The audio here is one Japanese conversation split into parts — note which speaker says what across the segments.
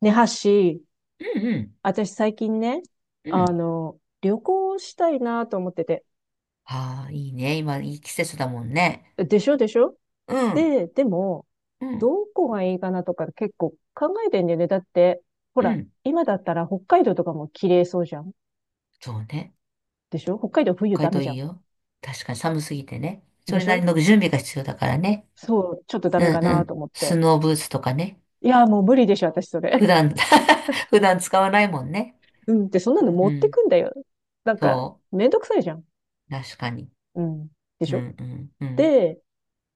Speaker 1: ねはし、
Speaker 2: うんうん
Speaker 1: 私最近ね、
Speaker 2: うん。
Speaker 1: 旅行したいなと思ってて。
Speaker 2: ああ、いいね。今、いい季節だもんね。
Speaker 1: でしょでしょ。
Speaker 2: うん、
Speaker 1: でも、
Speaker 2: うん、
Speaker 1: どこがいいかなとか結構考えてんだよね。だって、ほ
Speaker 2: う
Speaker 1: ら、
Speaker 2: ん。
Speaker 1: 今だったら北海道とかも綺麗そうじゃん。
Speaker 2: そうね。
Speaker 1: でしょ。北海道冬
Speaker 2: 北
Speaker 1: ダ
Speaker 2: 海
Speaker 1: メ
Speaker 2: 道
Speaker 1: じ
Speaker 2: い
Speaker 1: ゃ
Speaker 2: い
Speaker 1: ん。
Speaker 2: よ。確かに寒すぎてね。そ
Speaker 1: で
Speaker 2: れ
Speaker 1: し
Speaker 2: なり
Speaker 1: ょ。
Speaker 2: の準備が必要だからね。
Speaker 1: そう、ちょっとダ
Speaker 2: う
Speaker 1: メか
Speaker 2: んう
Speaker 1: なと
Speaker 2: ん。
Speaker 1: 思っ
Speaker 2: ス
Speaker 1: て。
Speaker 2: ノーブーツとかね。
Speaker 1: いや、もう無理でしょ、私そ
Speaker 2: 普
Speaker 1: れ。
Speaker 2: 段 普段使わないもんね。
Speaker 1: うんって、そんなの
Speaker 2: う
Speaker 1: 持ってく
Speaker 2: ん。
Speaker 1: んだよ。なんか、
Speaker 2: そ
Speaker 1: めんどくさいじゃん。
Speaker 2: う。確かに。
Speaker 1: うん。で
Speaker 2: う
Speaker 1: しょ。
Speaker 2: んうんうん。
Speaker 1: で、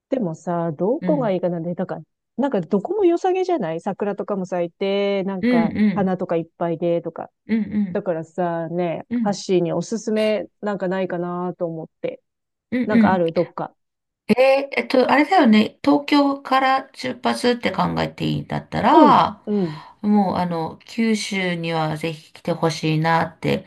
Speaker 1: でもさ、ど
Speaker 2: う
Speaker 1: こが
Speaker 2: ん。
Speaker 1: いいかなで、だんら、なんかどこも良さげじゃない？桜とかも咲いて、なん
Speaker 2: う
Speaker 1: か
Speaker 2: んうん。
Speaker 1: 花とかいっぱいで、とか。
Speaker 2: うんう
Speaker 1: だ
Speaker 2: ん。
Speaker 1: からさ、ね、
Speaker 2: うんう
Speaker 1: ハッ
Speaker 2: ん
Speaker 1: シーにおすすめなんかないかなと思って。
Speaker 2: うん
Speaker 1: なん
Speaker 2: う
Speaker 1: かあ
Speaker 2: ん。
Speaker 1: るどっか？
Speaker 2: あれだよね、東京から出発って考えていいんだった
Speaker 1: うん、
Speaker 2: ら、
Speaker 1: うん。
Speaker 2: もう九州にはぜひ来てほしいなって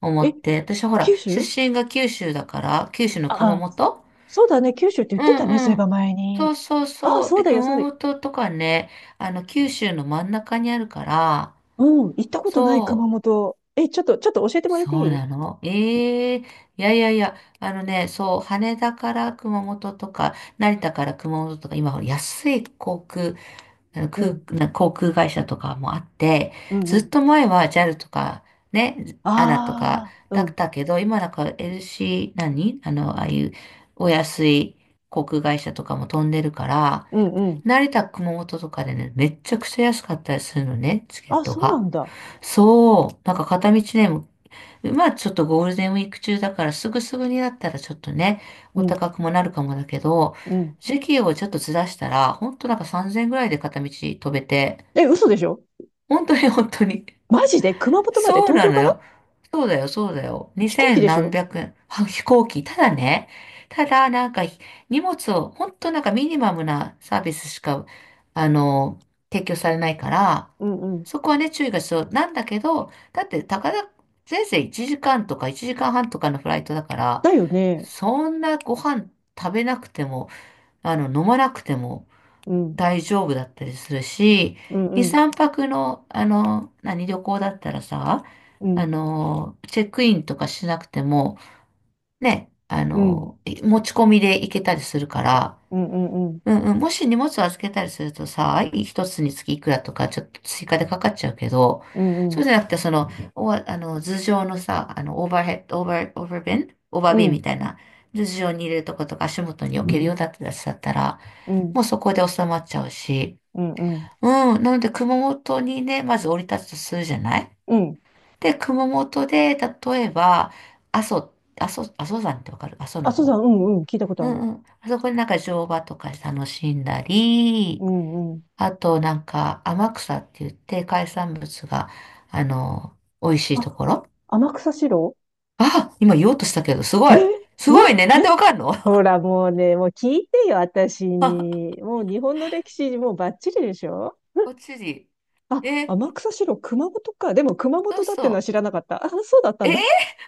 Speaker 2: 思
Speaker 1: え、
Speaker 2: って、私ほら、
Speaker 1: 九
Speaker 2: 出
Speaker 1: 州。
Speaker 2: 身が九州だから、九州の熊
Speaker 1: あ、
Speaker 2: 本。
Speaker 1: そうだね、九州って言っ
Speaker 2: う
Speaker 1: てたね、そう
Speaker 2: ん
Speaker 1: いえ
Speaker 2: う
Speaker 1: ば
Speaker 2: ん。
Speaker 1: 前
Speaker 2: そ
Speaker 1: に。
Speaker 2: うそう
Speaker 1: あ、
Speaker 2: そう。
Speaker 1: そう
Speaker 2: で、
Speaker 1: だよ、そう
Speaker 2: 熊
Speaker 1: だよ。
Speaker 2: 本とかね、九州の真ん中にあるから、
Speaker 1: うん、行ったことない熊
Speaker 2: そう。
Speaker 1: 本。え、ちょっと教えてもらってい
Speaker 2: そう
Speaker 1: い？
Speaker 2: なの。いやいやいや、あのね、そう、羽田から熊本とか、成田から熊本とか、今、安い航空、あの
Speaker 1: う
Speaker 2: 空、
Speaker 1: ん、
Speaker 2: な航空会社とかもあって、
Speaker 1: うん、
Speaker 2: ず
Speaker 1: う
Speaker 2: っ
Speaker 1: ん。
Speaker 2: と前は JAL とか、ね、ANA とか
Speaker 1: ああ、う
Speaker 2: だっ
Speaker 1: ん、
Speaker 2: たけど、今なんか LC、何あの、ああいうお安い航空会社とかも飛んでるから、
Speaker 1: うん、うん。
Speaker 2: 成田、熊本とかでね、めっちゃくちゃ安かったりするのね、チケッ
Speaker 1: あ、
Speaker 2: ト
Speaker 1: そうな
Speaker 2: が。
Speaker 1: んだ。
Speaker 2: そう。なんか片道ね、まあちょっとゴールデンウィーク中だからすぐすぐになったらちょっとね、
Speaker 1: う
Speaker 2: お
Speaker 1: ん。
Speaker 2: 高くもなるかもだけど、
Speaker 1: うん。
Speaker 2: 時期をちょっとずらしたら、ほんとなんか3000円ぐらいで片道飛べて、
Speaker 1: え、嘘でしょ？
Speaker 2: 本当に本当に
Speaker 1: マジで熊本まで
Speaker 2: そう
Speaker 1: 東
Speaker 2: な
Speaker 1: 京
Speaker 2: の
Speaker 1: から
Speaker 2: よ。そうだよ、そうだよ。
Speaker 1: 飛行
Speaker 2: 2
Speaker 1: 機
Speaker 2: 千
Speaker 1: でし
Speaker 2: 何
Speaker 1: ょ？
Speaker 2: 百円は飛行機。ただなんか荷物を、ほんとなんかミニマムなサービスしか、あの、提供されないから、
Speaker 1: うんうん。
Speaker 2: そこはね、注意が必要なんだけど、だって、たかだ、せいぜい1時間とか1時間半とかのフライトだから、
Speaker 1: だよね。
Speaker 2: そんなご飯食べなくても、飲まなくても、
Speaker 1: うん。
Speaker 2: 大丈夫だったりするし、
Speaker 1: うん
Speaker 2: 2、
Speaker 1: うん。
Speaker 2: 3泊の、旅行だったらさ、
Speaker 1: うん。
Speaker 2: チェックインとかしなくても、ね、
Speaker 1: うん。
Speaker 2: 持ち込みで行けたりするから、
Speaker 1: うんうんうん。
Speaker 2: うんうん、もし荷物を預けたりするとさ、一つにつきいくらとか、ちょっと追加でかかっちゃうけど、
Speaker 1: うんう
Speaker 2: そう
Speaker 1: ん。
Speaker 2: じゃなくて、その、おわあの、頭上のさ、オーバーヘッド、オーバー
Speaker 1: う
Speaker 2: ビンみ
Speaker 1: ん。
Speaker 2: たいな、頭上に入れるとことか足元に置けるようだったら、
Speaker 1: うん
Speaker 2: もうそこで収まっちゃうし、
Speaker 1: うん。
Speaker 2: うん。なので、熊本にね、まず降り立つとするじゃない？
Speaker 1: うん。
Speaker 2: で、熊本で、例えば、阿蘇、阿蘇山ってわかる？阿蘇の
Speaker 1: あ、そうだ、
Speaker 2: 方。
Speaker 1: うんうん。聞いたこと
Speaker 2: う
Speaker 1: あ
Speaker 2: ん
Speaker 1: る。
Speaker 2: うん。あそこでなんか乗馬とか楽しんだり、
Speaker 1: うんうん。
Speaker 2: あとなんか天草って言って海産物が、あの、美味しいとこ
Speaker 1: あ、
Speaker 2: ろ。
Speaker 1: 天草四郎。
Speaker 2: あ、今言おうとしたけど、すご
Speaker 1: え、
Speaker 2: い。す
Speaker 1: いや、
Speaker 2: ごいね。
Speaker 1: い
Speaker 2: なん
Speaker 1: や、
Speaker 2: でわかんの？
Speaker 1: ほ らもうね、もう聞いてよ、私に。もう日本の歴史、もうバッチリでしょ？
Speaker 2: こっちに。
Speaker 1: あ、
Speaker 2: え、
Speaker 1: 天草四郎、熊本か。でも熊
Speaker 2: そ
Speaker 1: 本
Speaker 2: う
Speaker 1: だってのは
Speaker 2: そ
Speaker 1: 知らなかった。あ、そうだった
Speaker 2: う。
Speaker 1: んだ。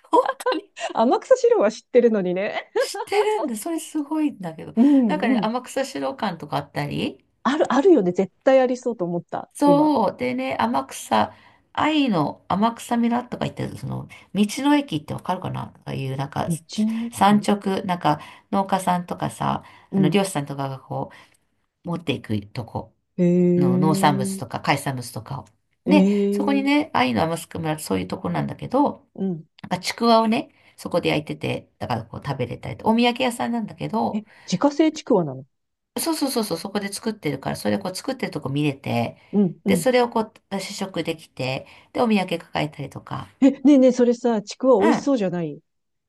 Speaker 2: 本当？
Speaker 1: 天草四郎は知ってるのにね。
Speaker 2: 知ってるんだ。それすごいんだけど。
Speaker 1: う
Speaker 2: なん
Speaker 1: ん
Speaker 2: かね、
Speaker 1: うん。
Speaker 2: 天草資料館とかあったり。
Speaker 1: ある、あるよね。絶対ありそうと思った、今。
Speaker 2: そう。でね、天草、愛の天草村とか言ってる、その、道の駅ってわかるかなとかいう、なんか、
Speaker 1: 道の
Speaker 2: 産
Speaker 1: 駅。
Speaker 2: 直、なんか、農家さんとかさ、
Speaker 1: うん。
Speaker 2: 漁師さんとかがこう、持っていくとこ
Speaker 1: へ
Speaker 2: の農産物
Speaker 1: え。
Speaker 2: とか海産物とかを。
Speaker 1: え
Speaker 2: で、そこに
Speaker 1: え。
Speaker 2: ね、愛の天草村ってそういうとこなんだけど、
Speaker 1: うん。
Speaker 2: なんかちくわをね、そこで焼いてて、だからこう食べれたりと、お土産屋さんなんだけ
Speaker 1: え、
Speaker 2: ど、
Speaker 1: 自家製ちくわなの？
Speaker 2: そうそうそうそう、そこで作ってるから、それをこう作ってるとこ見れて、
Speaker 1: うんう
Speaker 2: で、
Speaker 1: ん。
Speaker 2: それをこう試食できて、で、お土産抱えたりとか。
Speaker 1: え、ねえねえ、それさ、ちくわ
Speaker 2: う
Speaker 1: 美
Speaker 2: ん。
Speaker 1: 味し
Speaker 2: あ、
Speaker 1: そうじゃない？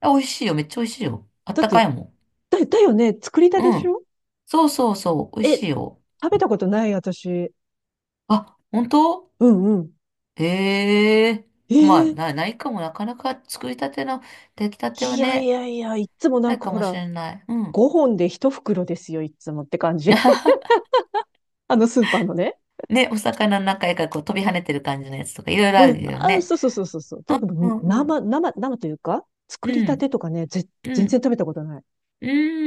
Speaker 2: 美味しいよ、めっちゃ美味しいよ。あっ
Speaker 1: だっ
Speaker 2: たか
Speaker 1: て、
Speaker 2: いも
Speaker 1: だよね。作りたて
Speaker 2: ん。
Speaker 1: で
Speaker 2: う
Speaker 1: し
Speaker 2: ん。
Speaker 1: ょ？
Speaker 2: そうそうそう、美味し
Speaker 1: え、
Speaker 2: いよ。
Speaker 1: 食べたことない、私。
Speaker 2: あ、本当？
Speaker 1: うんうん。
Speaker 2: へえ。まあ、
Speaker 1: ええ。
Speaker 2: ないかも、なかなか作りたての、出来たては
Speaker 1: いやい
Speaker 2: ね、
Speaker 1: やいや、いっつもな
Speaker 2: な
Speaker 1: ん
Speaker 2: い
Speaker 1: か
Speaker 2: か
Speaker 1: ほ
Speaker 2: もし
Speaker 1: ら、
Speaker 2: れない。うん。
Speaker 1: 5本で1袋ですよ、いっつもって感じ。あのスーパーのね。
Speaker 2: ね、お魚の中からこう飛び跳ねてる感じのやつとか、いろいろあ
Speaker 1: うん。
Speaker 2: るよ
Speaker 1: あ、
Speaker 2: ね。
Speaker 1: そうそうそうそうそう。多
Speaker 2: う
Speaker 1: 分、
Speaker 2: んうん。
Speaker 1: 生というか、
Speaker 2: う
Speaker 1: 作りたて
Speaker 2: ん。
Speaker 1: とかね、ぜ、
Speaker 2: う
Speaker 1: 全然
Speaker 2: ん。
Speaker 1: 食べたことない。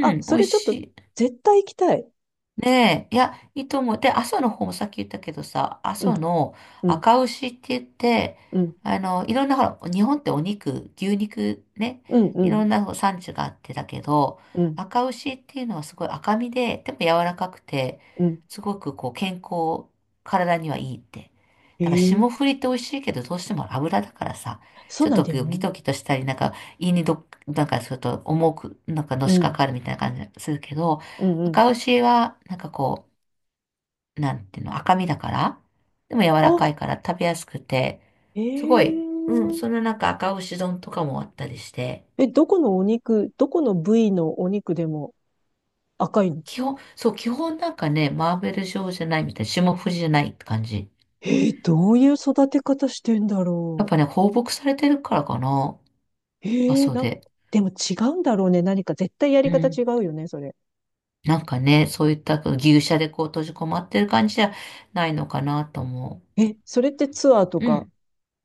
Speaker 1: あ、
Speaker 2: ん。美
Speaker 1: そ
Speaker 2: 味
Speaker 1: れちょっ
Speaker 2: し
Speaker 1: と、
Speaker 2: い。
Speaker 1: 絶対行きたい。
Speaker 2: ねえ、いや、いいと思う。で、阿蘇の方もさっき言ったけどさ、阿
Speaker 1: うん、
Speaker 2: 蘇の
Speaker 1: うん、
Speaker 2: 赤牛って言って、
Speaker 1: うん、
Speaker 2: いろんな、ほら、日本ってお肉、牛肉ね、
Speaker 1: うん、う
Speaker 2: い
Speaker 1: ん、
Speaker 2: ろんな産地があってだけど、
Speaker 1: うん、
Speaker 2: 赤牛っていうのはすごい赤身で、でも柔らかくて、
Speaker 1: うん。
Speaker 2: すごくこう健康、体にはいいって。だから
Speaker 1: え
Speaker 2: 霜
Speaker 1: え、
Speaker 2: 降りって美味しいけど、どうしても油だからさ、
Speaker 1: そ
Speaker 2: ち
Speaker 1: う
Speaker 2: ょっ
Speaker 1: なん
Speaker 2: と
Speaker 1: だよ
Speaker 2: ギ
Speaker 1: ね。
Speaker 2: トギトしたり、なんか胃になんかちょっと重く、なんかの
Speaker 1: う
Speaker 2: しか
Speaker 1: ん、
Speaker 2: かるみたいな感じがするけど、
Speaker 1: うん、う
Speaker 2: 赤
Speaker 1: ん。
Speaker 2: 牛は、なんかこう、なんていうの、赤身だから、でも柔
Speaker 1: あ、
Speaker 2: らかいから食べやすくて、
Speaker 1: え
Speaker 2: すごい、うん、その
Speaker 1: え
Speaker 2: なんか赤牛丼とかもあったりして、
Speaker 1: え、どこのお肉、どこの部位のお肉でも赤いの？
Speaker 2: 基本、そう、基本なんかね、マーベル状じゃないみたいな、霜降りじゃないって感じ。
Speaker 1: ええ、どういう育て方してんだ
Speaker 2: やっ
Speaker 1: ろ
Speaker 2: ぱね、放牧されてるからかな、
Speaker 1: う？
Speaker 2: 阿
Speaker 1: ええ、
Speaker 2: 蘇で。
Speaker 1: でも違うんだろうね。何か絶対やり
Speaker 2: う
Speaker 1: 方違
Speaker 2: ん。
Speaker 1: うよね、それ。
Speaker 2: なんかね、そういった牛舎でこう閉じこまってる感じじゃないのかなと思
Speaker 1: え、それってツアーと
Speaker 2: う。う
Speaker 1: か
Speaker 2: ん、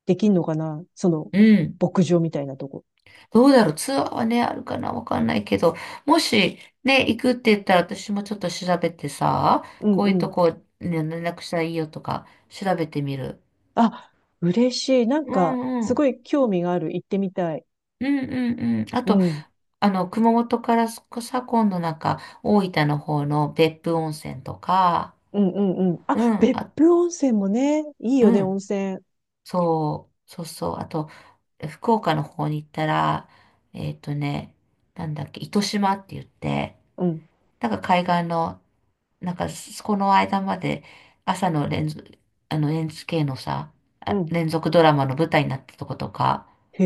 Speaker 1: できんのかな、
Speaker 2: うん。
Speaker 1: 牧場みたいなとこ。
Speaker 2: どうだろう。ツアーはね、あるかな。わかんないけど、もしね、行くって言ったら私もちょっと調べてさ、
Speaker 1: うん
Speaker 2: こう
Speaker 1: う
Speaker 2: いうと
Speaker 1: ん。
Speaker 2: こ、ね、連絡したらいいよとか、調べてみる。
Speaker 1: あ、嬉しい。なん
Speaker 2: う
Speaker 1: か、
Speaker 2: んう
Speaker 1: すご
Speaker 2: ん。
Speaker 1: い興味がある。行ってみたい。
Speaker 2: うんうんうん。あ
Speaker 1: う
Speaker 2: と、
Speaker 1: ん。
Speaker 2: 熊本からさ、今度なんか、大分の方の別府温泉とか、
Speaker 1: うんうんうん。あ、
Speaker 2: うん、
Speaker 1: 別
Speaker 2: あ、
Speaker 1: 府温泉もね、いいよ
Speaker 2: う
Speaker 1: ね、温
Speaker 2: ん、
Speaker 1: 泉。
Speaker 2: そう、そうそう。あと、福岡の方に行ったら、えっとね、なんだっけ、糸島って言って、
Speaker 1: うん。
Speaker 2: なんか海岸の、なんかそこの間まで朝の連続、NHK のさ、
Speaker 1: うん。
Speaker 2: 連続ドラマの舞台になったとことか、
Speaker 1: へ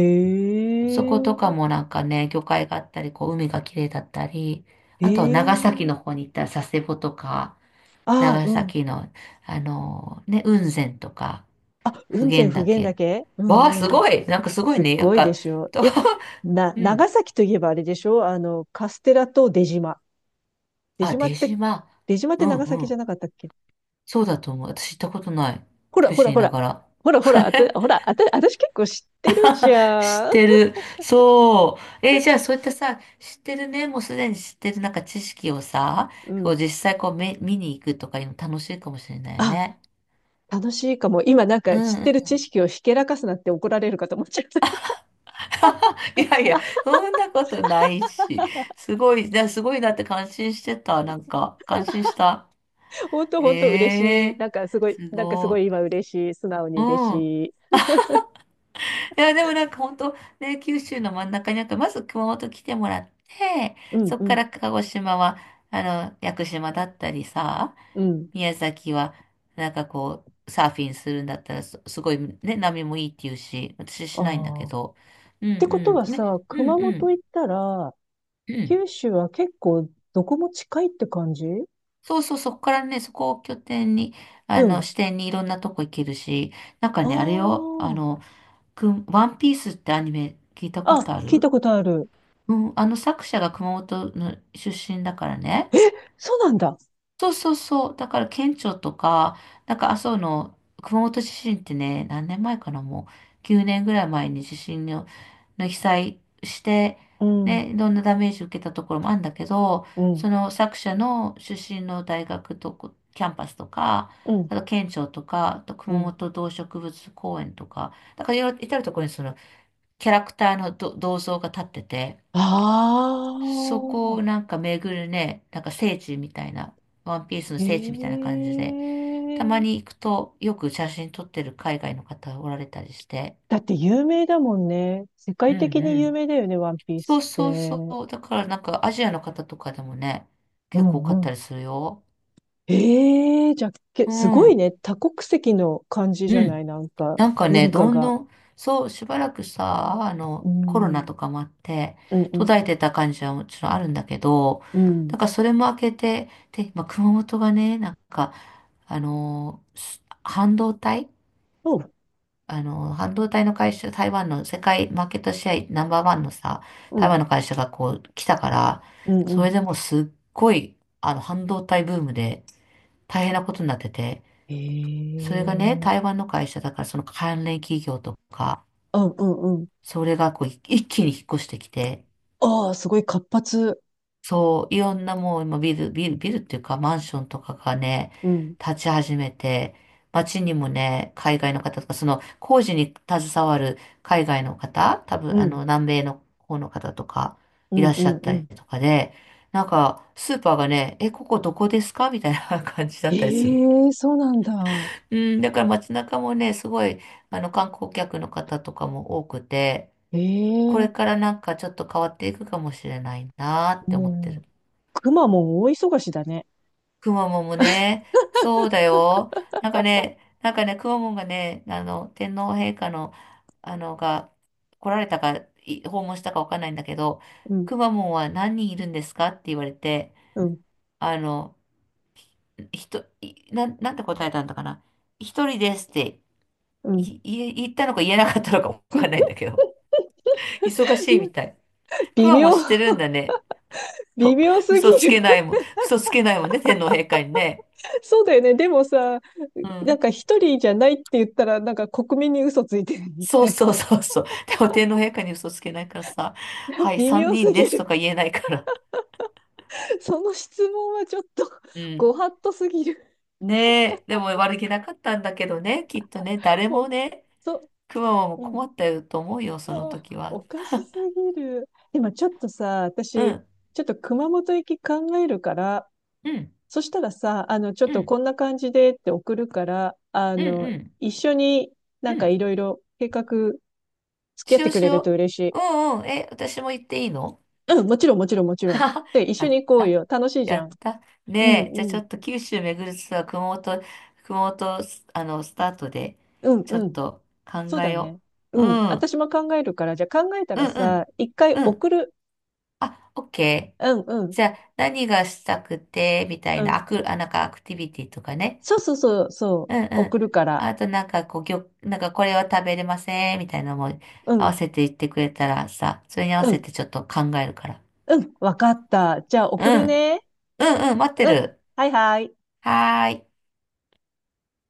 Speaker 2: そことか
Speaker 1: え。
Speaker 2: もなんかね、魚介があったり、こう海が綺麗だったり、
Speaker 1: へ
Speaker 2: あと長崎の
Speaker 1: え。
Speaker 2: 方に行ったら佐世保とか、
Speaker 1: あ、
Speaker 2: 長
Speaker 1: うん。
Speaker 2: 崎の、雲仙とか、
Speaker 1: あ、
Speaker 2: 普
Speaker 1: 雲仙
Speaker 2: 賢
Speaker 1: 普賢
Speaker 2: 岳。
Speaker 1: 岳。う
Speaker 2: わあ、
Speaker 1: ん
Speaker 2: す
Speaker 1: うん。
Speaker 2: ごいなんかすごい
Speaker 1: すっ
Speaker 2: ね、なん
Speaker 1: ごいで
Speaker 2: か、
Speaker 1: しょ。
Speaker 2: と、
Speaker 1: え、な、
Speaker 2: うん。
Speaker 1: 長崎といえばあれでしょ？カステラと出島。出
Speaker 2: あ、
Speaker 1: 島っ
Speaker 2: 出
Speaker 1: て、
Speaker 2: 島。
Speaker 1: 出島っ
Speaker 2: う
Speaker 1: て
Speaker 2: ん
Speaker 1: 長
Speaker 2: う
Speaker 1: 崎じゃ
Speaker 2: ん。
Speaker 1: なかったっけ？
Speaker 2: そうだと思う。私行ったことない。
Speaker 1: ほら
Speaker 2: 九
Speaker 1: ほ
Speaker 2: 州
Speaker 1: ら
Speaker 2: にい
Speaker 1: ほ
Speaker 2: な
Speaker 1: ら。
Speaker 2: がら。
Speaker 1: ほらほら、ほら、私結構知ってるじ
Speaker 2: 知っ
Speaker 1: ゃん。
Speaker 2: てる。そう。じゃあそういったさ、知ってるね、もうすでに知ってるなんか知識をさ、
Speaker 1: う
Speaker 2: こう
Speaker 1: ん。
Speaker 2: 実際こうめ見に行くとかいうの楽しいかもしれないよ
Speaker 1: あ、
Speaker 2: ね。
Speaker 1: 楽しいかも。今なん
Speaker 2: う
Speaker 1: か
Speaker 2: ん
Speaker 1: 知っ
Speaker 2: う
Speaker 1: てる
Speaker 2: ん。
Speaker 1: 知識をひけらかすなって怒られるかと思っちゃった。
Speaker 2: いやいや、そんなことないし。すごい、すごいなって感心してた。なんか、感心した。
Speaker 1: 本当
Speaker 2: へ
Speaker 1: 本当嬉しい。
Speaker 2: え、
Speaker 1: なんかすごい、
Speaker 2: す
Speaker 1: なんかすご
Speaker 2: ご
Speaker 1: い今嬉しい。素直に
Speaker 2: い。う
Speaker 1: 嬉
Speaker 2: ん。
Speaker 1: しい。
Speaker 2: いや、でもなんか本当ね、九州の真ん中にあるかまず熊本来てもらって、
Speaker 1: うん
Speaker 2: そっ
Speaker 1: う
Speaker 2: か
Speaker 1: ん、
Speaker 2: ら鹿児島は、あ屋久島だったりさ、
Speaker 1: うん。
Speaker 2: 宮崎は、なんかこう、サーフィンするんだったらすごいね、波もいいっていうし、私しないんだ
Speaker 1: あ
Speaker 2: け
Speaker 1: あ。っ
Speaker 2: ど、うん
Speaker 1: てこと
Speaker 2: う
Speaker 1: は
Speaker 2: ん、ね、
Speaker 1: さ、
Speaker 2: う
Speaker 1: 熊
Speaker 2: んう
Speaker 1: 本
Speaker 2: ん、
Speaker 1: 行ったら、
Speaker 2: うん。
Speaker 1: 九州は結構どこも近いって感じ？
Speaker 2: そうそう、そこからね、そこを拠点に、
Speaker 1: うん。
Speaker 2: 視点にいろんなとこ行けるし、なんかね、あれよ、
Speaker 1: あ
Speaker 2: ワンピースってアニメ聞いたこ
Speaker 1: あ。
Speaker 2: と
Speaker 1: あ、
Speaker 2: あ
Speaker 1: 聞い
Speaker 2: る？
Speaker 1: たことある。
Speaker 2: うん、あの作者が熊本の出身だからね。
Speaker 1: え、そうなんだ。
Speaker 2: そうそうそう。だから県庁とか、なんか麻生の熊本地震ってね、何年前かな、もう9年ぐらい前に地震の、の被災して、
Speaker 1: うん、
Speaker 2: ね、いろんなダメージ受けたところもあるんだけど、
Speaker 1: う
Speaker 2: そ
Speaker 1: ん、
Speaker 2: の作者の出身の大学とこキャンパスとか、
Speaker 1: うん、
Speaker 2: あと県庁とか、あと
Speaker 1: う
Speaker 2: 熊
Speaker 1: ん。
Speaker 2: 本動植物公園とか、だからいろいろ至るところにそのキャラクターの銅像が立ってて、
Speaker 1: あ
Speaker 2: そこを
Speaker 1: あ、
Speaker 2: なんか巡るね、なんか聖地みたいな、ワンピースの聖地みたいな
Speaker 1: え
Speaker 2: 感じで、たまに
Speaker 1: え、
Speaker 2: 行くとよく写真撮ってる海外の方おられたりして。
Speaker 1: だって有名だもんね。世
Speaker 2: う
Speaker 1: 界
Speaker 2: ん
Speaker 1: 的
Speaker 2: う
Speaker 1: に有
Speaker 2: ん。
Speaker 1: 名だよね、ワンピー
Speaker 2: そ
Speaker 1: ス
Speaker 2: う
Speaker 1: っ
Speaker 2: そう
Speaker 1: て。
Speaker 2: そう。だからなんかアジアの方とかでもね、
Speaker 1: う
Speaker 2: 結構多
Speaker 1: ん
Speaker 2: か
Speaker 1: う
Speaker 2: ったり
Speaker 1: ん。
Speaker 2: するよ。
Speaker 1: ええ、じゃあ、
Speaker 2: う
Speaker 1: すごい
Speaker 2: ん。
Speaker 1: ね。多国籍の感じ
Speaker 2: う
Speaker 1: じゃない？
Speaker 2: ん。
Speaker 1: なんか、
Speaker 2: なんかね、
Speaker 1: 文化
Speaker 2: どん
Speaker 1: が。
Speaker 2: どん、そう、しばらくさ、
Speaker 1: う
Speaker 2: コロナと
Speaker 1: ん。
Speaker 2: かもあって、
Speaker 1: うんう
Speaker 2: 途
Speaker 1: ん。
Speaker 2: 絶えてた感じはもちろんあるんだけど、
Speaker 1: うん。
Speaker 2: だからそれも明けて、で、まあ、熊本がね、なんか、半導体
Speaker 1: そう、
Speaker 2: 半導体の会社、台湾の世界マーケットシェアナンバーワンのさ、
Speaker 1: う
Speaker 2: 台
Speaker 1: ん。
Speaker 2: 湾の会社がこう来たから、
Speaker 1: うんう
Speaker 2: それ
Speaker 1: ん。
Speaker 2: でもうすっごい、半導体ブームで大変なことになってて、それがね、
Speaker 1: ええ、
Speaker 2: 台湾の会社だからその関連企業とか、
Speaker 1: うんうんうん。
Speaker 2: それがこうい一気に引っ越してきて、
Speaker 1: ああ、すごい活発。
Speaker 2: そう、いろんなもう今ビルっていうかマンションとかがね、
Speaker 1: うん。
Speaker 2: 立ち始めて、街にもね、海外の方とか、その工事に携わる海外の方、多
Speaker 1: う
Speaker 2: 分
Speaker 1: ん。
Speaker 2: 南米の方とか
Speaker 1: う
Speaker 2: い
Speaker 1: ん
Speaker 2: らっ
Speaker 1: う
Speaker 2: しゃ
Speaker 1: ん
Speaker 2: っ
Speaker 1: う
Speaker 2: たり
Speaker 1: ん。
Speaker 2: とかで、なんかスーパーがね、え、ここどこですかみたいな 感じだっ
Speaker 1: え
Speaker 2: たりする。
Speaker 1: え、そうなんだ。
Speaker 2: うん、だから街中もね、すごい観光客の方とかも多くて、これ
Speaker 1: ええ、
Speaker 2: からなんかちょっと変わっていくかもしれないなーって思って
Speaker 1: も
Speaker 2: る。
Speaker 1: うくまモン大忙しだね。
Speaker 2: くまモンもね、そうだよ。なんかね、くまモンがね、天皇陛下の、あの、が来られたか、訪問したかわかんないんだけど、
Speaker 1: うん、
Speaker 2: くまモンは何人いるんですかって言われて、
Speaker 1: うん、
Speaker 2: あの、ひと、いなん、なんて答えたんだかな。一人ですって
Speaker 1: うん。
Speaker 2: 言ったのか言えなかったのかわかんないんだけど。忙しいみたい。く
Speaker 1: 微
Speaker 2: まモン
Speaker 1: 妙、
Speaker 2: してるんだね。
Speaker 1: 微妙すぎ
Speaker 2: 嘘つけ
Speaker 1: る。
Speaker 2: ないもん、嘘つけないもんね、天皇陛下にね。
Speaker 1: そうだよね。でもさ、
Speaker 2: う
Speaker 1: なん
Speaker 2: ん。
Speaker 1: か一人じゃないって言ったら、なんか国民に嘘ついてるみ
Speaker 2: そ
Speaker 1: た
Speaker 2: う
Speaker 1: い
Speaker 2: そうそうそう。でも天皇陛下に嘘つけないからさ、
Speaker 1: な。
Speaker 2: はい、
Speaker 1: 微
Speaker 2: 三
Speaker 1: 妙す
Speaker 2: 人
Speaker 1: ぎ
Speaker 2: です
Speaker 1: る。
Speaker 2: とか言えないから。
Speaker 1: その質問はちょっと、
Speaker 2: うん。
Speaker 1: ご法度すぎる。
Speaker 2: ねえ、でも悪気なかったんだけどね、きっとね、誰
Speaker 1: ほ
Speaker 2: も
Speaker 1: ん
Speaker 2: ね、
Speaker 1: と、
Speaker 2: くまモも
Speaker 1: うん。
Speaker 2: 困ったよと思うよ、
Speaker 1: あ
Speaker 2: その
Speaker 1: ー、
Speaker 2: 時は。
Speaker 1: おかしすぎる。今ちょっとさ、
Speaker 2: う
Speaker 1: 私、
Speaker 2: ん、
Speaker 1: ちょっと熊本行き考えるから、
Speaker 2: うん、
Speaker 1: そしたらさ、ちょっ
Speaker 2: う
Speaker 1: と
Speaker 2: ん、
Speaker 1: こんな感じでって送るから、
Speaker 2: うん、うん、
Speaker 1: 一緒に
Speaker 2: う
Speaker 1: なんか
Speaker 2: ん。
Speaker 1: いろいろ計画付き合っ
Speaker 2: しよ
Speaker 1: て
Speaker 2: う
Speaker 1: く
Speaker 2: し
Speaker 1: れると
Speaker 2: よ
Speaker 1: 嬉しい。
Speaker 2: う。うんうん、え、私も言っていいの？
Speaker 1: うん、もちろんもちろんもち ろん。
Speaker 2: はは。
Speaker 1: で、一
Speaker 2: や
Speaker 1: 緒
Speaker 2: っ
Speaker 1: に行こう
Speaker 2: た。
Speaker 1: よ。楽しいじ
Speaker 2: や
Speaker 1: ゃん。
Speaker 2: った。
Speaker 1: うん
Speaker 2: ねえ、じゃあ
Speaker 1: う
Speaker 2: ちょ
Speaker 1: ん。
Speaker 2: っと九州巡るツアー、熊本、熊本、すあの、スタートで、
Speaker 1: うん
Speaker 2: ちょ
Speaker 1: う
Speaker 2: っ
Speaker 1: ん。
Speaker 2: と考
Speaker 1: そう
Speaker 2: え
Speaker 1: だね。
Speaker 2: よう。
Speaker 1: う
Speaker 2: う
Speaker 1: ん。
Speaker 2: ん。うん
Speaker 1: 私も考えるから、じゃあ考えた
Speaker 2: う
Speaker 1: ら
Speaker 2: ん。
Speaker 1: さ、一回
Speaker 2: うん。
Speaker 1: 送る。
Speaker 2: あ、オッケー。
Speaker 1: うんうん。
Speaker 2: じゃあ、何がしたくて、みた
Speaker 1: う
Speaker 2: いな、
Speaker 1: ん。
Speaker 2: アク、あ、なんかアクティビティとかね。
Speaker 1: そうそうそうそ
Speaker 2: う
Speaker 1: う。
Speaker 2: んうん。
Speaker 1: 送るから。
Speaker 2: あとなんかこう、なんかこれは食べれません、みたいなのも
Speaker 1: う
Speaker 2: 合
Speaker 1: ん。
Speaker 2: わせて言ってくれたらさ、それに合わ
Speaker 1: う
Speaker 2: せ
Speaker 1: ん。
Speaker 2: てちょっと考えるから。
Speaker 1: うん。わかった。じゃあ
Speaker 2: う
Speaker 1: 送る
Speaker 2: ん。
Speaker 1: ね。
Speaker 2: うんうん、待って
Speaker 1: うん。
Speaker 2: る。
Speaker 1: はいはい。
Speaker 2: はーい。